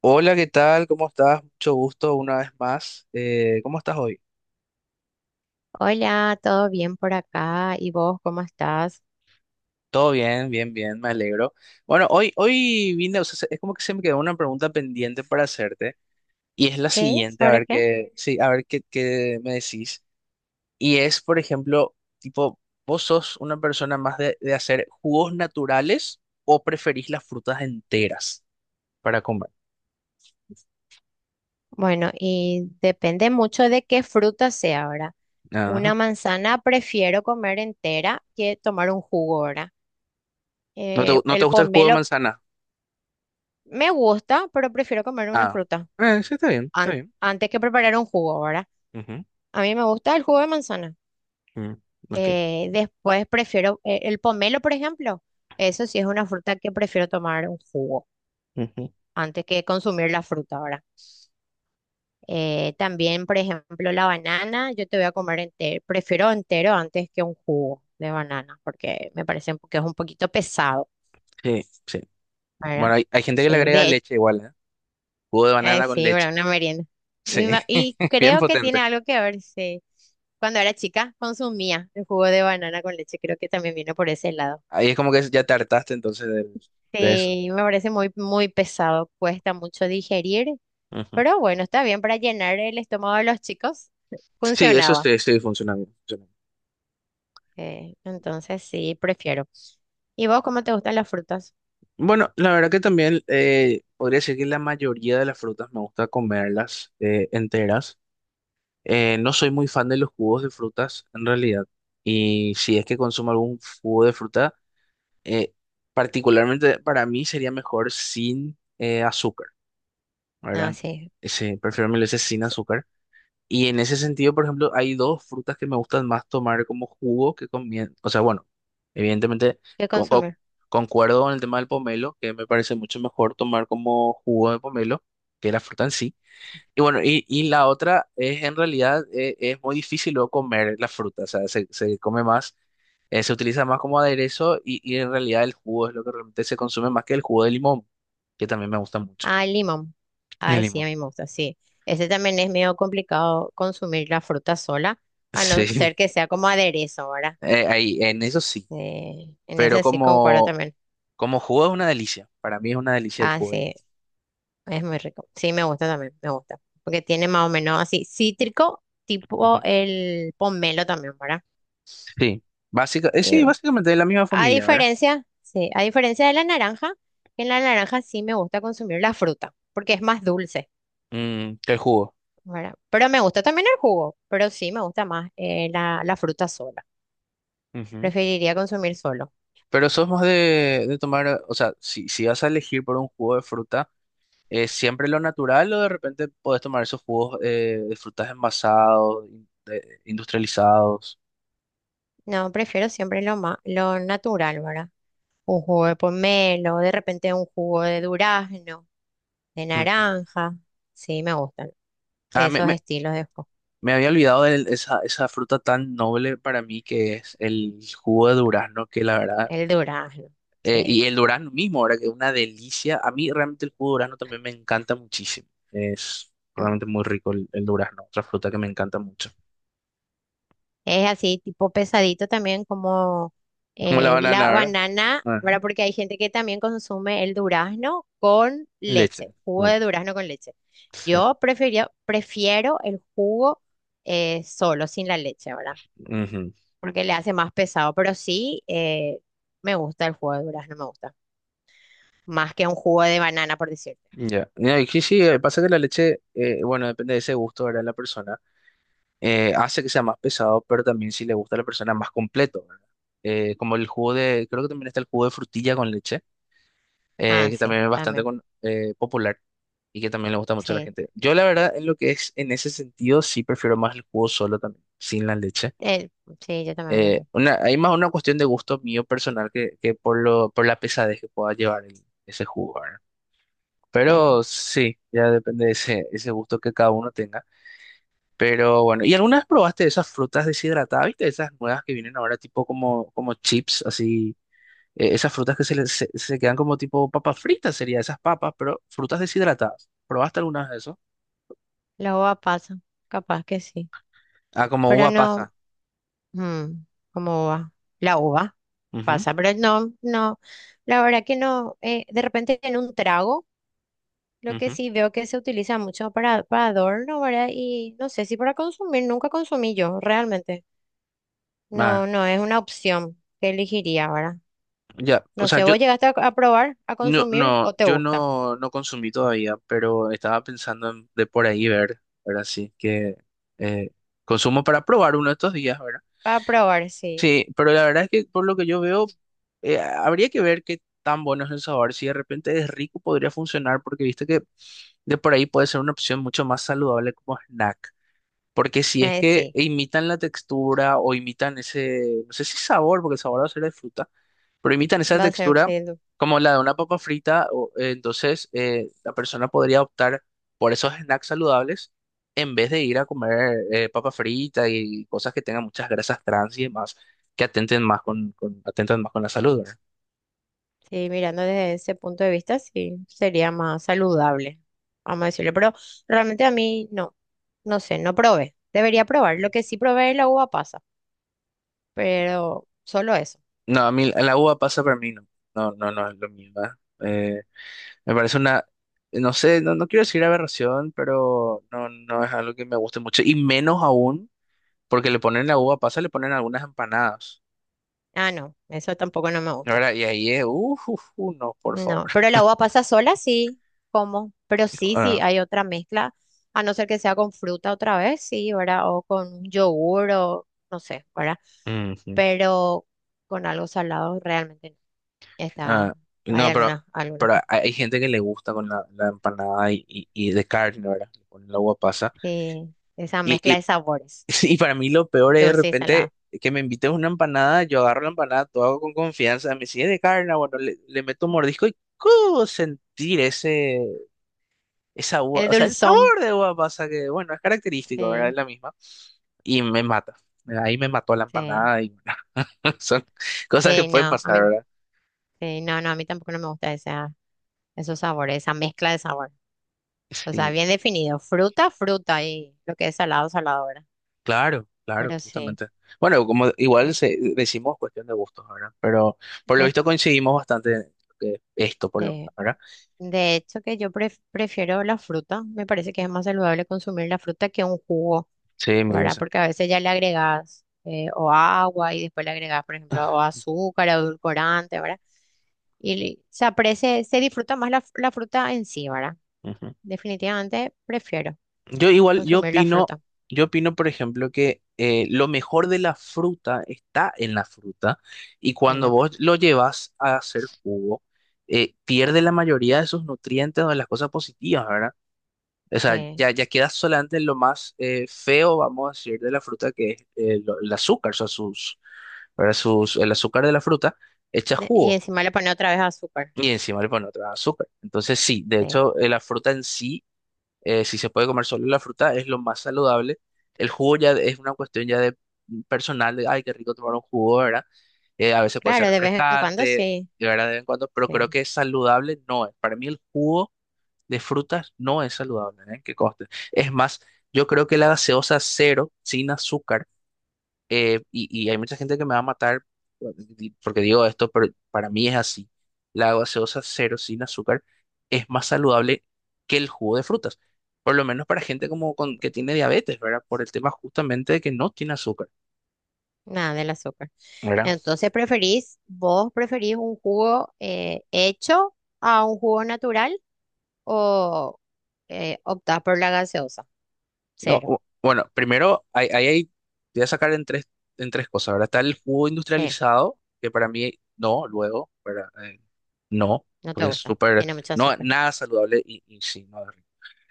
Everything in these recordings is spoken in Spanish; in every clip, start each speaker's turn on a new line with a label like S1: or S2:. S1: Hola, ¿qué tal? ¿Cómo estás? Mucho gusto una vez más. ¿Cómo estás hoy?
S2: Hola, ¿todo bien por acá? ¿Y vos cómo estás?
S1: Todo bien, bien, bien, me alegro. Bueno, hoy vine, o sea, es como que se me quedó una pregunta pendiente para hacerte y es la
S2: ¿Qué?
S1: siguiente, a
S2: ¿Sobre
S1: ver
S2: qué?
S1: qué, sí, a ver qué, qué me decís. Y es, por ejemplo, tipo, ¿vos sos una persona más de hacer jugos naturales o preferís las frutas enteras para comer?
S2: Bueno, y depende mucho de qué fruta sea ahora. Una
S1: Ajá.
S2: manzana prefiero comer entera que tomar un jugo ahora.
S1: ¿No te, no te
S2: El
S1: gusta el jugo de
S2: pomelo
S1: manzana?
S2: me gusta, pero prefiero comer una
S1: Ah,
S2: fruta
S1: sí, está bien, está
S2: an-
S1: bien.
S2: antes que preparar un jugo ahora.
S1: Ujú,
S2: A mí me gusta el jugo de manzana.
S1: mm,
S2: Después prefiero el pomelo, por ejemplo. Eso sí es una fruta que prefiero tomar un jugo
S1: ok.
S2: antes que consumir la fruta ahora. También, por ejemplo, la banana, yo te voy a comer entero, prefiero entero antes que un jugo de banana, porque me parece que es un poquito pesado,
S1: Sí, sí.
S2: ¿verdad?
S1: Bueno, hay gente que le
S2: Sí,
S1: agrega
S2: de hecho,
S1: leche igual, ¿eh? Jugo de banana con
S2: sí,
S1: leche.
S2: ¿verdad? Una merienda.
S1: Sí,
S2: Y, y
S1: bien
S2: creo que tiene
S1: potente.
S2: algo que ver, sí. Cuando era chica consumía el jugo de banana con leche, creo que también vino por ese lado.
S1: Ahí es como que ya te hartaste entonces eso.
S2: Sí, me parece muy, muy pesado, cuesta mucho digerir,
S1: Ujú.
S2: pero bueno, está bien para llenar el estómago de los chicos,
S1: Sí, eso
S2: funcionaba.
S1: sí, sí funciona bien. Funciona bien.
S2: Entonces sí, prefiero. ¿Y vos cómo te gustan las frutas?
S1: Bueno, la verdad que también podría decir que la mayoría de las frutas me gusta comerlas enteras. No soy muy fan de los jugos de frutas en realidad. Y si es que consumo algún jugo de fruta, eh, particularmente para mí sería mejor sin azúcar.
S2: Ah,
S1: ¿Verdad?
S2: sí.
S1: Sí, prefiero mil veces sin
S2: S-
S1: azúcar. Y en ese sentido, por ejemplo, hay dos frutas que me gustan más tomar como jugo que con comien... O sea, bueno, evidentemente
S2: ¿Qué
S1: con- con-
S2: consumir?
S1: concuerdo con el tema del pomelo, que me parece mucho mejor tomar como jugo de pomelo que la fruta en sí. Y bueno, y la otra es en realidad es muy difícil luego comer la fruta, o sea, se come más, se utiliza más como aderezo y en realidad el jugo es lo que realmente se consume más que el jugo de limón, que también me gusta mucho.
S2: Ah, el limón.
S1: El
S2: Ay, sí, a
S1: limón.
S2: mí me gusta, sí. Ese también es medio complicado consumir la fruta sola, a no
S1: Sí.
S2: ser que sea como aderezo, ¿verdad?
S1: Ahí, en eso sí,
S2: En
S1: pero
S2: ese sí concuerdo
S1: como,
S2: también.
S1: como jugo es una delicia. Para mí es una delicia el
S2: Ah,
S1: jugo. Del mismo.
S2: sí, es muy rico. Sí, me gusta también, me gusta. Porque tiene más o menos así cítrico,
S1: Ujú,
S2: tipo el pomelo también, ¿verdad?
S1: sí,
S2: Y,
S1: sí, básicamente de la misma
S2: A
S1: familia, ¿verdad?
S2: diferencia, sí, a diferencia de la naranja, en la naranja sí me gusta consumir la fruta, porque es más dulce,
S1: Mm, que el jugo.
S2: ¿verdad? Pero me gusta también el jugo, pero sí me gusta más la fruta sola.
S1: Ujú.
S2: Preferiría consumir solo.
S1: Pero sos más de tomar, o sea, si vas a elegir por un jugo de fruta, ¿es siempre lo natural o de repente podés tomar esos jugos de frutas envasados, industrializados?
S2: No, prefiero siempre lo natural, ¿verdad? Un jugo de pomelo, de repente un jugo de durazno, de
S1: Ujú.
S2: naranja. Sí, me gustan
S1: Ah,
S2: esos estilos de jugo.
S1: me había olvidado de esa fruta tan noble para mí que es el jugo de durazno, que la verdad.
S2: El durazno, sí.
S1: Y el durazno mismo, ahora que es una delicia. A mí realmente el jugo de durazno también me encanta muchísimo. Es realmente muy rico el durazno, otra fruta que me encanta mucho.
S2: Es así, tipo pesadito también como
S1: Es como la banana,
S2: la
S1: ¿verdad?
S2: banana,
S1: Ajá.
S2: ¿verdad? Porque hay gente que también consume el durazno con
S1: Y leche.
S2: leche, jugo
S1: Mm,
S2: de durazno con leche.
S1: sí.
S2: Prefiero el jugo solo, sin la leche, ¿verdad?
S1: Ujú.
S2: Porque le hace más pesado, pero sí, me gusta el jugo de durazno, me gusta. Más que un jugo de banana, por decirte.
S1: Ya. Ya, y sí, sí, pasa que la leche, bueno, depende de ese gusto, ¿verdad? La persona hace que sea más pesado, pero también si le gusta a la persona más completo, ¿verdad? Como el jugo de, creo que también está el jugo de frutilla con leche
S2: Ah,
S1: que
S2: sí,
S1: también es bastante
S2: también.
S1: popular y que también le gusta mucho a la
S2: Sí,
S1: gente. Yo la verdad, en lo que es, en ese sentido, sí prefiero más el jugo solo también, sin la leche.
S2: eh, sí, yo también prefiero.
S1: Hay más una cuestión de gusto mío personal que por lo, por la pesadez que pueda llevar ese jugo, ¿verdad?
S2: Sí.
S1: Pero sí, ya depende de ese gusto que cada uno tenga. Pero bueno, ¿y alguna vez probaste esas frutas deshidratadas, viste? Esas nuevas que vienen ahora tipo como, como chips, así esas frutas que se quedan como tipo papas fritas, sería esas papas, pero frutas deshidratadas. ¿Probaste algunas de eso?
S2: Los pasan, capaz que sí.
S1: Ah, como
S2: Pero
S1: uva
S2: no.
S1: pasa.
S2: Mm, ¿cómo va? La uva
S1: Ujú,
S2: pasa, pero no, no, la verdad que no, de repente en un trago, lo que
S1: ujú.
S2: sí veo que se utiliza mucho para adorno, ¿verdad? Y no sé si para consumir, nunca consumí yo, realmente.
S1: Ah,
S2: No, no, es una opción que elegiría, ¿verdad?
S1: ya, o
S2: No
S1: sea,
S2: sé,
S1: yo
S2: ¿vos llegaste a probar, a
S1: no,
S2: consumir
S1: no,
S2: o te
S1: yo
S2: gusta?
S1: no, no consumí todavía, pero estaba pensando en- de por ahí ver, ¿verdad? Sí, que eh, consumo para probar uno de estos días, ¿verdad?
S2: Para probar, sí,
S1: Sí, pero la verdad es que por lo que yo veo, habría que ver qué tan bueno es el sabor. Si de repente es rico, podría funcionar, porque viste que de por ahí puede ser una opción mucho más saludable como snack. Porque si es que
S2: sí,
S1: imitan la textura o imitan ese, no sé si sabor, porque el sabor va a ser de fruta, pero imitan esa
S2: va a ser,
S1: textura
S2: sí.
S1: como la de una papa frita, entonces la persona podría optar por esos snacks saludables en vez de ir a comer papa frita y cosas que tengan muchas grasas trans y demás, que atenten más atentan más con la salud, ¿verdad?
S2: Sí, mirando desde ese punto de vista, sí, sería más saludable, vamos a decirlo, pero realmente a mí no, no sé, no probé, debería probar,
S1: Ujú.
S2: lo que sí probé es la uva pasa, pero solo eso.
S1: No, a mí la uva pasa para mí, no, no, no, no es lo mío, ¿verdad? Me parece una, no sé, no, no quiero decir aberración, pero no, no es algo que me guste mucho. Y menos aún, porque le ponen la uva pasa, le ponen algunas empanadas.
S2: Ah, no, eso tampoco no me gusta.
S1: Ahora, y ahí es, uff, no, por favor.
S2: No, pero la uva pasa sola sí, como, pero
S1: Dijo,
S2: sí, sí,
S1: ah,
S2: hay otra mezcla, a no ser que sea con fruta otra vez, sí, ¿verdad? O con yogur o no sé, ¿verdad?
S1: ujú.
S2: Pero con algo salado realmente no.
S1: Ah,
S2: Está, hay
S1: no,
S2: algunas, algunas.
S1: pero hay gente que le gusta con la empanada y de carne, ¿verdad? Le ponen la uva pasa.
S2: Sí, esa
S1: y
S2: mezcla
S1: y
S2: de sabores,
S1: Sí, y para mí lo peor es de
S2: dulce y
S1: repente
S2: salado.
S1: que me invites una empanada, yo agarro la empanada, todo hago con confianza, me sigue de carne, bueno, le meto un mordisco y ¡cu! Sentir ese, esa uva,
S2: El
S1: o sea, el
S2: dulzón,
S1: sabor de uva pasa que, bueno, es característico, ¿verdad? Es
S2: sí,
S1: la misma. Y me mata. Ahí me mató la
S2: sí,
S1: empanada y son cosas que
S2: sí,
S1: pueden
S2: no, a mí,
S1: pasar, ¿verdad?
S2: sí, no, no, a mí tampoco no me gusta esa, esos sabores, esa mezcla de sabor. O sea,
S1: Sí,
S2: bien definido, fruta, fruta y lo que es salado, salado, ¿verdad?
S1: claro, claro,
S2: Pero sí,
S1: justamente. Bueno, como igual decimos cuestión de gustos, ¿verdad? Pero por lo visto
S2: sí.
S1: coincidimos bastante en esto, por lo menos,
S2: Eh,
S1: ¿verdad?
S2: de hecho, que yo prefiero la fruta. Me parece que es más saludable consumir la fruta que un jugo,
S1: Sí, mil
S2: ¿verdad?
S1: veces.
S2: Porque a veces ya le agregas o agua y después le agregas, por ejemplo, o azúcar, edulcorante, ¿verdad? Y se aprecia, se disfruta más la, la fruta en sí, ¿verdad?
S1: Ujú.
S2: Definitivamente prefiero
S1: Yo igual, yo
S2: consumir la
S1: opino,
S2: fruta
S1: yo opino, por ejemplo, que lo mejor de la fruta está en la fruta y
S2: en
S1: cuando
S2: la
S1: vos
S2: fruta.
S1: lo llevas a hacer jugo, pierde la mayoría de sus nutrientes o de las cosas positivas, ¿verdad? O sea,
S2: Eh,
S1: ya queda solamente lo más feo, vamos a decir, de la fruta, que es el azúcar, o sea, sus, ¿verdad? Sus, el azúcar de la fruta echa
S2: y
S1: jugo
S2: encima le pone otra vez azúcar.
S1: y encima le pone otra azúcar. Entonces, sí, de
S2: Eh,
S1: hecho, la fruta en sí si se puede comer solo la fruta, es lo más saludable. El jugo ya es una cuestión ya de personal, de, ay, qué rico tomar un jugo, ¿verdad? A veces puede ser
S2: claro, de vez en cuando
S1: refrescante,
S2: sí.
S1: de verdad, de vez en cuando, pero creo
S2: eh,
S1: que saludable no es. Para mí el jugo de frutas no es saludable, ¿eh? Que conste. Es más, yo creo que la gaseosa cero, sin azúcar, y hay mucha gente que me va a matar bueno, porque digo esto, pero para mí es así. La gaseosa cero sin azúcar es más saludable que el jugo de frutas, por lo menos para gente como con, que tiene diabetes, ¿verdad? Por el tema justamente de que no tiene azúcar,
S2: Nada del azúcar.
S1: ¿verdad?
S2: Entonces, ¿preferís, vos preferís un jugo hecho a un jugo natural o optás por la gaseosa?
S1: No,
S2: Cero.
S1: bueno, primero, ahí te voy a sacar en tres cosas, ¿verdad? Está el jugo
S2: Sí,
S1: industrializado, que para mí no, luego, ¿verdad? No,
S2: no te
S1: porque es
S2: gusta.
S1: súper,
S2: Tiene mucho
S1: no,
S2: azúcar.
S1: nada saludable y sí, no,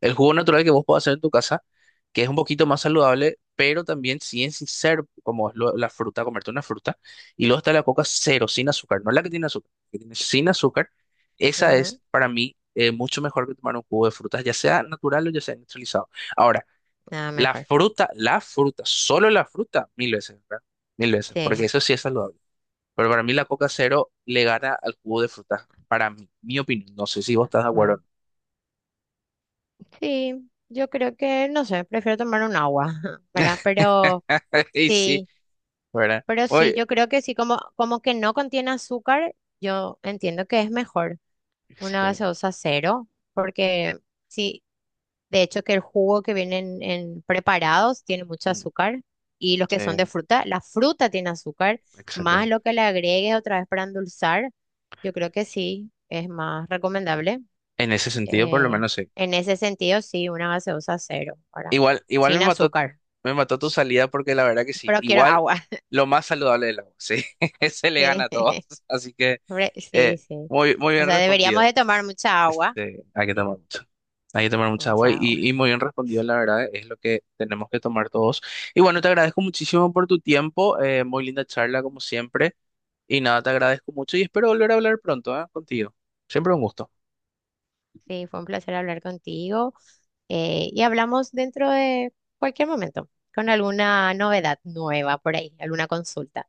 S1: el jugo natural que vos podés hacer en tu casa, que es un poquito más saludable, pero también sin ser como es la fruta, comerte una fruta. Y luego está la coca cero, sin azúcar, no la que tiene azúcar, la que tiene sin azúcar. Esa
S2: Ujú.
S1: es para mí mucho mejor que tomar un jugo de frutas, ya sea natural o ya sea industrializado. Ahora,
S2: Nada mejor.
S1: la fruta, solo la fruta, mil veces, ¿verdad? Mil veces, porque
S2: Sí.
S1: eso sí es saludable. Pero para mí la coca cero le gana al jugo de frutas, para mí, mi opinión. No sé si vos estás de
S2: ah,
S1: acuerdo o no.
S2: Sí, yo creo que, no sé, prefiero tomar un agua, ¿verdad?
S1: Y sí,
S2: Sí,
S1: ¿verdad?
S2: pero sí,
S1: Oye,
S2: yo creo que sí, como, como que no contiene azúcar, yo entiendo que es mejor una
S1: sí,
S2: gaseosa cero, porque... Sí, de hecho, que el jugo que vienen en preparados tiene mucho
S1: mm,
S2: azúcar y los que son de
S1: sí,
S2: fruta, la fruta tiene azúcar, más
S1: exactamente.
S2: lo que le agregues otra vez para endulzar, yo creo que sí, es más recomendable.
S1: En ese sentido, por lo
S2: eh,
S1: menos sí.
S2: en ese sentido, sí, una gaseosa cero, ahora,
S1: Igual, igual
S2: sin azúcar,
S1: me mató tu salida porque la verdad que sí.
S2: pero quiero
S1: Igual
S2: agua.
S1: lo más saludable del agua, sí. Se le gana
S2: Sí,
S1: a todos. Así que
S2: Sí.
S1: eh,
S2: Sí.
S1: muy, muy
S2: O
S1: bien
S2: sea, deberíamos
S1: respondido.
S2: de tomar mucha agua.
S1: Este, hay que
S2: Sí,
S1: tomar mucho. Hay que tomar mucha agua
S2: mucha agua.
S1: y muy bien respondido, la verdad, es lo que tenemos que tomar todos. Y bueno, te agradezco muchísimo por tu tiempo. Muy linda charla, como siempre. Y nada, te agradezco mucho y espero volver a hablar pronto, ¿eh? Contigo. Siempre un gusto.
S2: Sí, fue un placer hablar contigo. Y hablamos dentro de cualquier momento con alguna novedad nueva por ahí, alguna consulta.